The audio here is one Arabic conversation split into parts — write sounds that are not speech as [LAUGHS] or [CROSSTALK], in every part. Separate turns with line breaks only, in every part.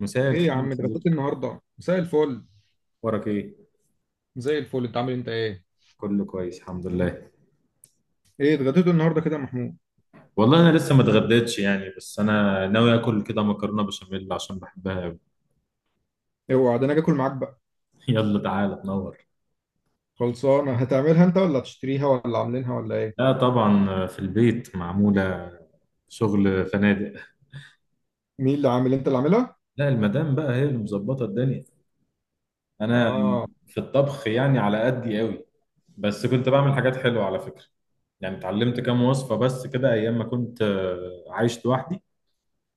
مساء
ايه
الخير
يا
يا
عم،
صديقي.
اتغديت النهارده؟ مساء الفل.
اخبارك ايه؟
زي الفل. انت عامل، انت ايه؟
كله كويس الحمد لله.
ايه، اتغديت النهارده كده يا محمود؟
والله انا لسه ما اتغديتش يعني، بس انا ناوي اكل كده مكرونه بشاميل عشان بحبها أوي.
اوعى ده انا اجي اكل معاك بقى.
[LAUGHS] يلا تعالى تنور.
خلصانه هتعملها انت ولا هتشتريها ولا عاملينها ولا ايه؟
لا طبعا في البيت معموله، شغل فنادق.
مين اللي عامل؟ انت اللي عاملها؟
لا المدام بقى هي اللي مظبطه الدنيا. انا
اه،
في الطبخ يعني على قدي قوي، بس كنت بعمل حاجات حلوه على فكره. يعني اتعلمت كام وصفه بس كده ايام ما كنت عايش لوحدي،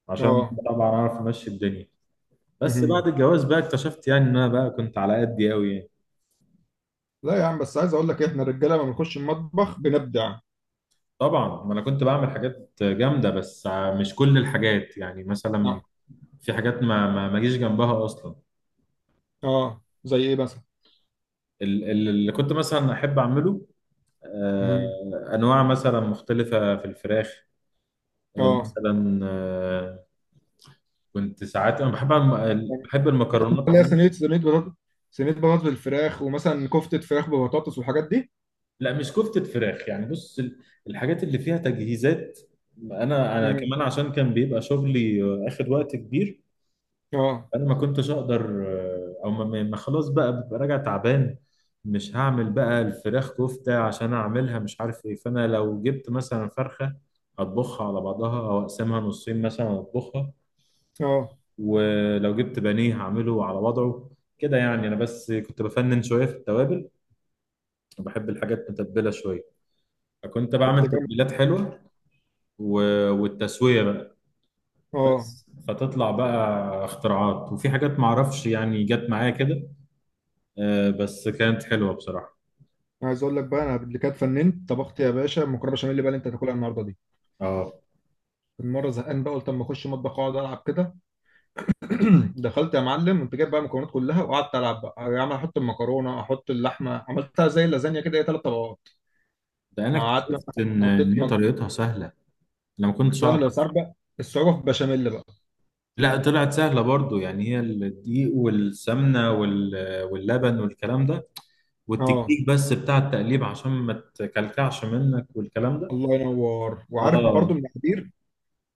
عشان
اه.
طبعا اعرف امشي الدنيا. بس بعد
مهم.
الجواز بقى اكتشفت يعني ان انا بقى كنت على قدي قوي يعني.
لا يا عم، بس عايز اقول لك إيه، احنا الرجاله لما بنخش المطبخ بنبدع.
طبعا ما انا كنت بعمل حاجات جامده، بس مش كل الحاجات. يعني مثلا
اه،
في حاجات ما جيش جنبها اصلا.
اه. زي ايه مثلا؟
اللي كنت مثلا احب اعمله،
مهم.
انواع مثلا مختلفه في الفراخ، آه،
اه.
مثلا آه، كنت ساعات انا بحب المكرونات
اللي هي
عموما.
صينيه بطاطس، صينيه بطاطس بالفراخ ومثلا كفته فراخ ببطاطس والحاجات دي.
لا مش كفتة فراخ، يعني بص، الحاجات اللي فيها تجهيزات، انا كمان
مم.
عشان كان بيبقى شغلي اخد وقت كبير.
اه،
انا ما كنتش اقدر، آه، او ما ما- ما خلاص بقى ببقى راجع تعبان، مش هعمل بقى الفراخ كفتة عشان اعملها مش عارف ايه. فانا لو جبت مثلا فرخة اطبخها على بعضها او اقسمها نصين مثلا اطبخها،
اه.
ولو جبت بانيه هعمله على وضعه كده. يعني انا بس كنت بفنن شوية في التوابل، وبحب الحاجات متبلة شوية، فكنت
طب
بعمل
ده جامد.
تتبيلات حلوة والتسوية بقى.
اه.
بس فتطلع بقى اختراعات، وفي حاجات معرفش يعني جت معايا كده، بس كانت حلوه بصراحه.
أنا عايز اقول لك بقى انا اللي كانت فننت طبخت يا باشا مكرونه بشاميل، اللي انت هتاكلها النهارده دي.
اه،
كنت مره زهقان بقى قلت اما اخش مطبخ اقعد العب كده. [CLEARS THROAT] دخلت يا معلم وانت جايب بقى المكونات كلها، وقعدت العب بقى يا عم، احط المكرونه احط اللحمه، عملتها زي اللازانيا كده، هي 3 طبقات.
ده انا
قعدت
اكتشفت
مثلا
ان
حطيت
ان هي
مك...
طريقتها سهله، انا ما كنتش اعرف.
سهله بس عارف بقى، الصعوبه في البشاميل بقى.
لا طلعت سهله برضو، يعني هي الدقيق والسمنه وال... واللبن والكلام ده،
اه.
والتكنيك بس بتاع التقليب عشان ما تكلكعش منك والكلام ده.
الله ينور، وعارف برضو
اه،
المقادير.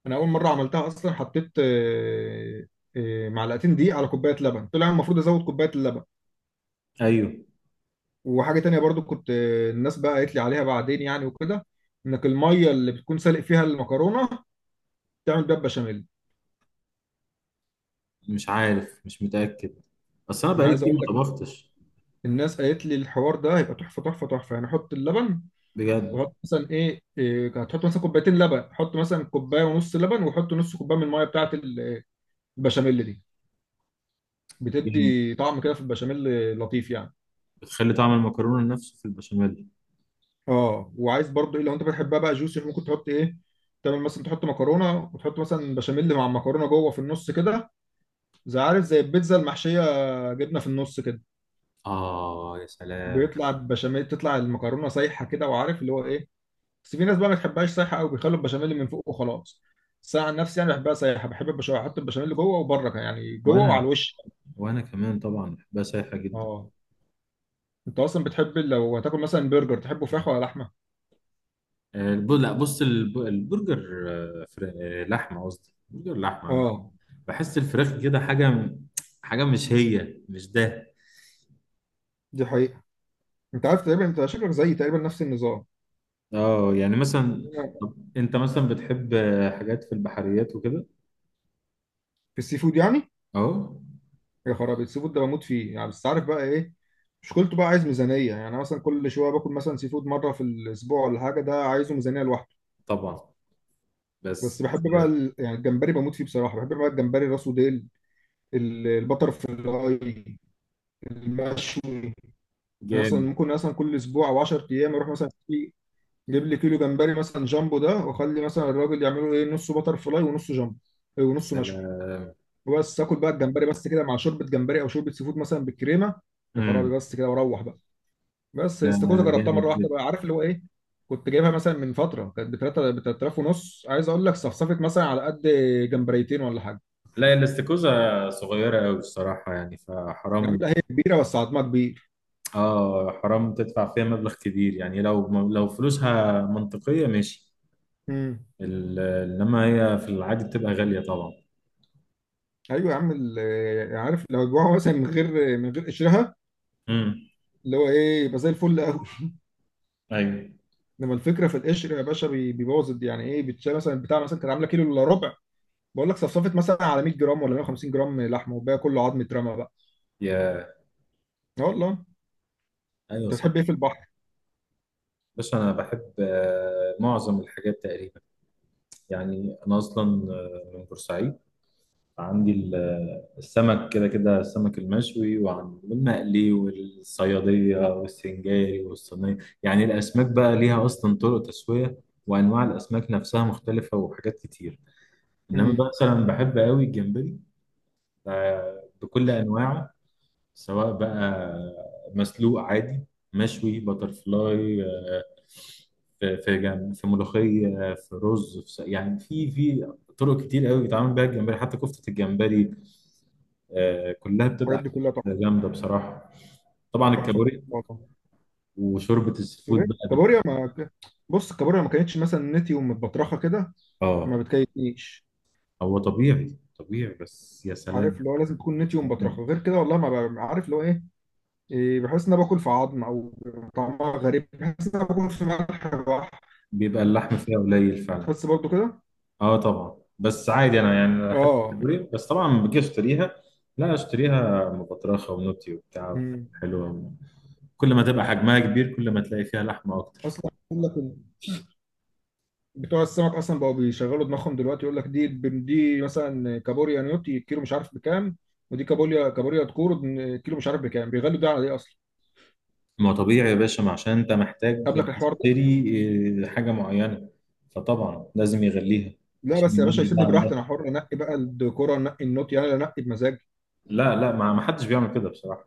انا اول مره عملتها اصلا حطيت معلقتين دقيق على كوبايه لبن، طلع المفروض ازود كوبايه اللبن.
ايوه،
وحاجة تانية برضو كنت الناس بقى قالت لي عليها بعدين يعني وكده، انك المية اللي بتكون سالق فيها المكرونة تعمل بيها بشاميل.
مش عارف، مش متاكد، بس انا
انا
بقالي
عايز
كتير
اقول
ما
لك،
طبختش.
الناس قالت لي الحوار ده هيبقى تحفة تحفة تحفة يعني، حط اللبن.
بجد.
وحط مثلا إيه هتحط مثلا كوبايتين لبن، حط مثلا كوباية ونص لبن، وحط نص كوباية من المية بتاعة ال- البشاميل دي.
جامد،
بتدي طعم كده في البشاميل لطيف يعني.
بتخلي طعم المكرونه نفسه في البشاميل.
اه، وعايز برضو ايه، لو انت بتحبها بقى جوسي ممكن تحط ايه، تعمل مثلا تحط مكرونة وتحط مثلا بشاميل مع المكرونة جوه في النص كده، زي عارف زي البيتزا المحشية، جبنة في النص كده.
اه يا سلام.
بيطلع بشاميل، تطلع المكرونة سايحة كده وعارف اللي هو ايه. بس في ناس بقى ما تحبهاش سايحة أوي، بيخلوا البشاميل من فوق وخلاص. بس أنا عن نفسي يعني بحبها سايحة، بحب البشاميل، أحط البشاميل جوه وبره كمان، يعني جوه وعلى
وانا،
الوش.
وانا كمان طبعا بحبها سايحه جدا.
اه. أنت أصلا بتحب لو هتاكل مثلا برجر، تحبه فراخ ولا لحمة؟
لا بص، الب- البرجر آه، فر- آه، لحمة قصدي برجر لحمة عامة.
اه.
بحس الفراخ كده حاجة، حاجة مش هي، مش ده.
دي حقيقة. أنت عارف تقريبا، أنت شكلك زيي تقريبا نفس النظام.
اه يعني مثلا، طب انت مثلا بتحب حاجات في البحريات وكده؟
في السي فود يعني.
اه،
يا خرابي، السي فود ده بموت فيه يعني، بس عارف بقى ايه، مشكلته بقى عايز ميزانيه يعني. أنا مثلا كل شويه باكل مثلا سي فود مره في الاسبوع ولا حاجه، ده عايزه ميزانيه لوحده.
طبعا. بس
بس بحب بقى
آه،
ال... يعني الجمبري بموت فيه بصراحه، بحب بقى الجمبري راسه ديل. ال- البتر فلاي المشوي. يعني اصلا
جامد.
ممكن مثلا كل اسبوع او 10 ايام اروح مثلا في، جيب لي كيلو جمبري مثلا جامبو ده، واخلي مثلا الراجل يعمله ايه، نصه بتر فلاي ونصه جامبو
يا
ونصه مشوي.
سلام.
وبس اكل بقى الجمبري بس كده مع شوربه جمبري او شوربه سي فود مثلا بالكريمه. يا خرابي
امم.
بس كده، واروح بقى. بس
ده
الاستاكوزا جربتها
جامد
مره واحده
جدا.
بقى، عارف اللي هو ايه، كنت جايبها مثلا من فتره، كانت ب 3 ب 3000 ونص، عايز اقول لك صفصفت مثلا على قد جمبريتين ولا حاجه.
لا الاستيكوزا صغيرة قوي الصراحة، يعني
يا عم
فحرام.
لا، هي كبيره بس عظمها كبير.
اه، حرام تدفع فيها مبلغ كبير، يعني لو فلوسها منطقية ماشي.
امم.
انما هي في العادي بتبقى غاليه طبعا.
ايوه يا عم، ال- يعني عارف، لو جوعوا مثلا من غير قشرها
امم.
اللي هو ايه، يبقى زي الفل قوي.
ايوه
انما الفكره في القشر يا باشا، بي- بيبوظ الد- يعني ايه، بتشيل مثلا بتاع مثلا كانت عامله كيلو الا ربع، بقول لك صفصفت مثلا على 100 جرام ولا 150 جرام لحمه، وباقي كله عظم اترمى بقى.
يا
اه والله.
ايوه
انت
صح.
بتحب ايه في البحر؟
بس انا بحب معظم الحاجات تقريبا. يعني انا اصلا من بورسعيد، عندي السمك كده كده، السمك المشوي والمقلي والصياديه والسنجاري والصينيه. يعني الاسماك بقى ليها اصلا طرق تسويه، وانواع الاسماك نفسها مختلفه وحاجات كتير. انما
امم.
بقى مثلا بحب قوي الجمبري، بكل انواعه، سواء بقى مسلوق عادي، مشوي بترفلاي، في ملوخية، في رز، يعني في طرق كتير قوي بيتعمل بيها الجمبري، حتى كفتة الجمبري. كلها
الحاجات
بتبقى
دي كلها تحفه،
حاجات جامدة بصراحة. طبعا
تحفه تحفه
الكابوريا،
والله.
وشوربة السفود
هناك
بقى
كابوريا
بالكريم.
ما، بص الكابوريا ما كانتش مثلا نتيوم متبطرخه كده، ما
اه،
بتكيفنيش.
هو طبيعي طبيعي، بس يا
عارف
سلام.
اللي هو لازم تكون
يا
نتيوم
سلام.
مبطرخه، غير كده والله ما ب- عارف اللي هو ايه. إيه، بحس ان انا باكل في عظم، او طعمها غريب، بحس ان انا باكل في ملح بحر.
بيبقى اللحم فيها قليل فعلا.
تحس برضو كده.
اه طبعا، بس عادي. انا يعني انا احب
اه.
الكابوريا، بس طبعا لما باجي اشتريها لا اشتريها مبطرخه ونوتي وبتاع،
أمم.
حلوه. كل ما تبقى حجمها كبير كل ما تلاقي فيها لحمه اكتر.
اصلا يقول لك إن بتوع السمك اصلا بقوا بيشغلوا دماغهم دلوقتي، يقول لك دي مثلا كابوريا نيوتي كيلو مش عارف بكام، ودي كابوريا تكورو كيلو مش عارف بكام، بيغلوا ده على ايه اصلا؟
ما هو طبيعي يا باشا، ما عشان انت محتاج
قبلك الحوار.
تشتري حاجه معينه، فطبعا لازم يغليها
لا
عشان
بس يا باشا
يميز ده
يسيبني
عن
براحتي،
ده.
انا حر، انقي بقى الديكور انقي النوت يعني انقي بمزاج.
لا لا، ما حدش بيعمل كده بصراحه،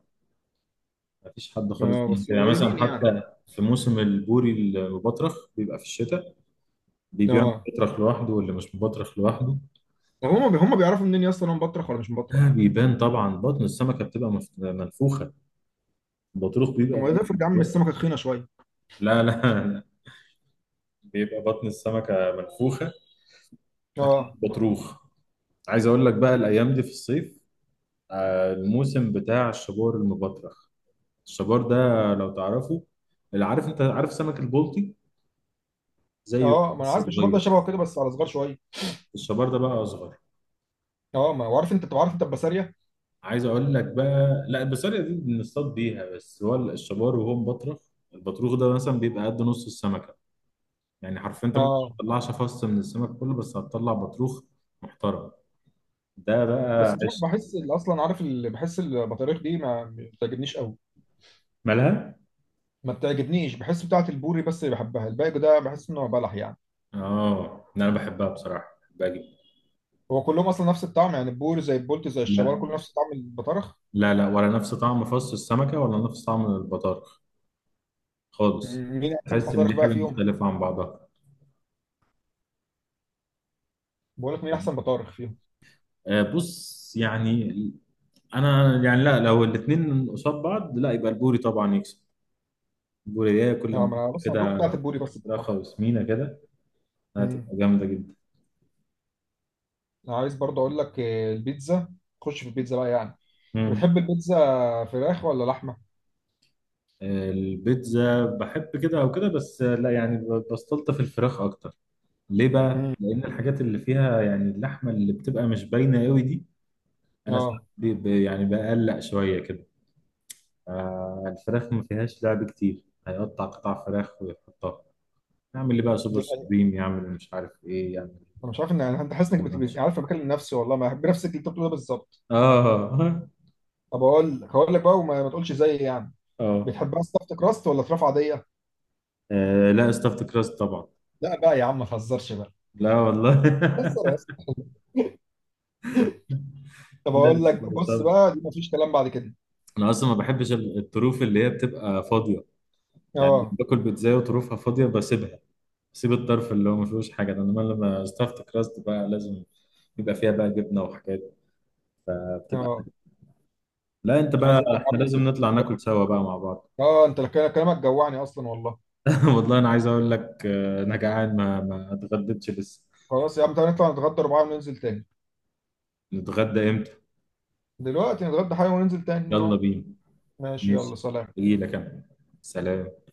ما فيش حد خالص
اه
بيعمل
بس
كده. يعني
قليلين
مثلا
يعني.
حتى في موسم البوري المبطرخ بيبقى في الشتاء، اللي بيبيع
اه.
مبطرخ لوحده واللي مش مبطرخ لوحده.
طب هم بيعرفوا منين يا اسطى، انا مبطرخ ولا مش مبطرخ؟
لا بيبان طبعا، بطن السمكة بتبقى منفوخة، البطروخ
طب
بيبقى
ما
باين
ده
من
افرض يا عم
جوه.
السمكه تخينه شويه.
لا لا لا، بيبقى بطن السمكة منفوخة،
اه.
بطروخ. عايز اقول لك بقى الايام دي في الصيف الموسم بتاع الشبار المبطرخ. الشبار ده لو تعرفه، اللي عارف، انت عارف سمك البلطي؟ زيه كده
اه ما انا
بس
عارف، الشباب ده
صغير.
شبهه كده بس على صغار شويه.
الشبار ده بقى اصغر.
اه ما هو عارف، انت بتبقى عارف انت البسارية.
عايز اقول لك بقى، لا البسارية دي بنصطاد بيها، بس هو الشبار وهو مبطرخ. البطروخ ده مثلا بيبقى قد نص السمكة، يعني حرفيا انت ممكن ما
اه
تطلعش فص من السمك كله، بس هتطلع بطروخ محترم. ده
بس
بقى
مش عارف،
عشت.
بحس اللي اصلا عارف، اللي بحس البطاريخ دي ما بتعجبنيش قوي.
مالها؟
ما بتعجبنيش، بحس بتاعه البوري بس اللي بحبها، الباقي ده بحس انه بلح يعني.
اه، إن انا بحبها بصراحه، بحبها جدا.
هو كلهم اصلا نفس الطعم يعني، البوري زي البولت زي الشبار
لا
كله نفس طعم البطارخ.
لا لا، ولا نفس طعم فص السمكه ولا نفس طعم البطارخ خالص،
مين احسن
تحس ان
بطارخ
دي
بقى
حاجه
فيهم؟
مختلفه عن بعضها.
بقول لك مين احسن بطارخ فيهم؟
آه بص يعني، انا يعني، لا لو الاثنين قصاد بعض لا يبقى البوري طبعا يكسب. البوري ده كل
يعني
ما
ما انا
تبقى
بص انا دوت
كده
بتاعت البوري بس
فراخه
بصراحه.
وسمينه كده
امم.
هتبقى جامده
انا عايز برضه اقول لك البيتزا، خش في البيتزا بقى يعني،
جدا.
بتحب البيتزا فراخ ولا لحمه؟
البيتزا بحب كده او كده، بس لا يعني بستلطف الفراخ اكتر، ليه بقى؟
امم.
لان الحاجات اللي فيها يعني اللحمه اللي بتبقى مش باينه قوي دي، انا ساعات
اه
يعني بقلق شويه كده. الفراخ ما فيهاش لعب كتير، هيقطع قطع فراخ ويحطها، يعمل لي بقى سوبر
دي حقيقة.
سوبريم، يعمل مش عارف ايه، يعمل
انا مش عارف ان انا، انت حاسس انك
تشيكن
بت-
رانش.
بت- عارف، أنا بكلم نفسي والله، ما بحب نفسك اللي انت بتقوله ده بالظبط.
اه [LAUGHS]
طب اقول لك، هقول لك بقى، وما ما تقولش زيي يعني.
اه.
بتحبها ستافت كراست ولا فراخ عاديه؟
لا استفت كراست طبعا.
لا بقى يا عم ما تهزرش بقى.
لا والله
بهزر
[LAUGHS]
اصلا. طب اقول
لازم
لك بص
stuffed.
بقى، دي ما فيش كلام بعد كده.
انا اصلا ما بحبش الطروف اللي هي بتبقى فاضيه، يعني
اه.
باكل بيتزا وطروفها فاضيه بسيبها، بسيب الطرف اللي هو ما فيهوش حاجه ده. انما لما ستافت كراست بقى لازم يبقى فيها بقى جبنه وحاجات، بقى بتبقى.
اه
لا انت
عايز
بقى
اقول لك
احنا
يا عم
لازم
انت،
نطلع ناكل سوا بقى مع بعض.
اه انت كلامك جوعني اصلا والله.
[LAUGHS] والله انا عايز اقول لك انا جعان، ما اتغديتش لسه.
خلاص يا عم تعالى نطلع نتغدى أربعة وننزل تاني.
نتغدى امتى؟
دلوقتي نتغدى حاجة وننزل تاني
يلا
نقعد.
بينا.
ماشي يلا
ماشي،
سلام.
اجي لك انا. سلام.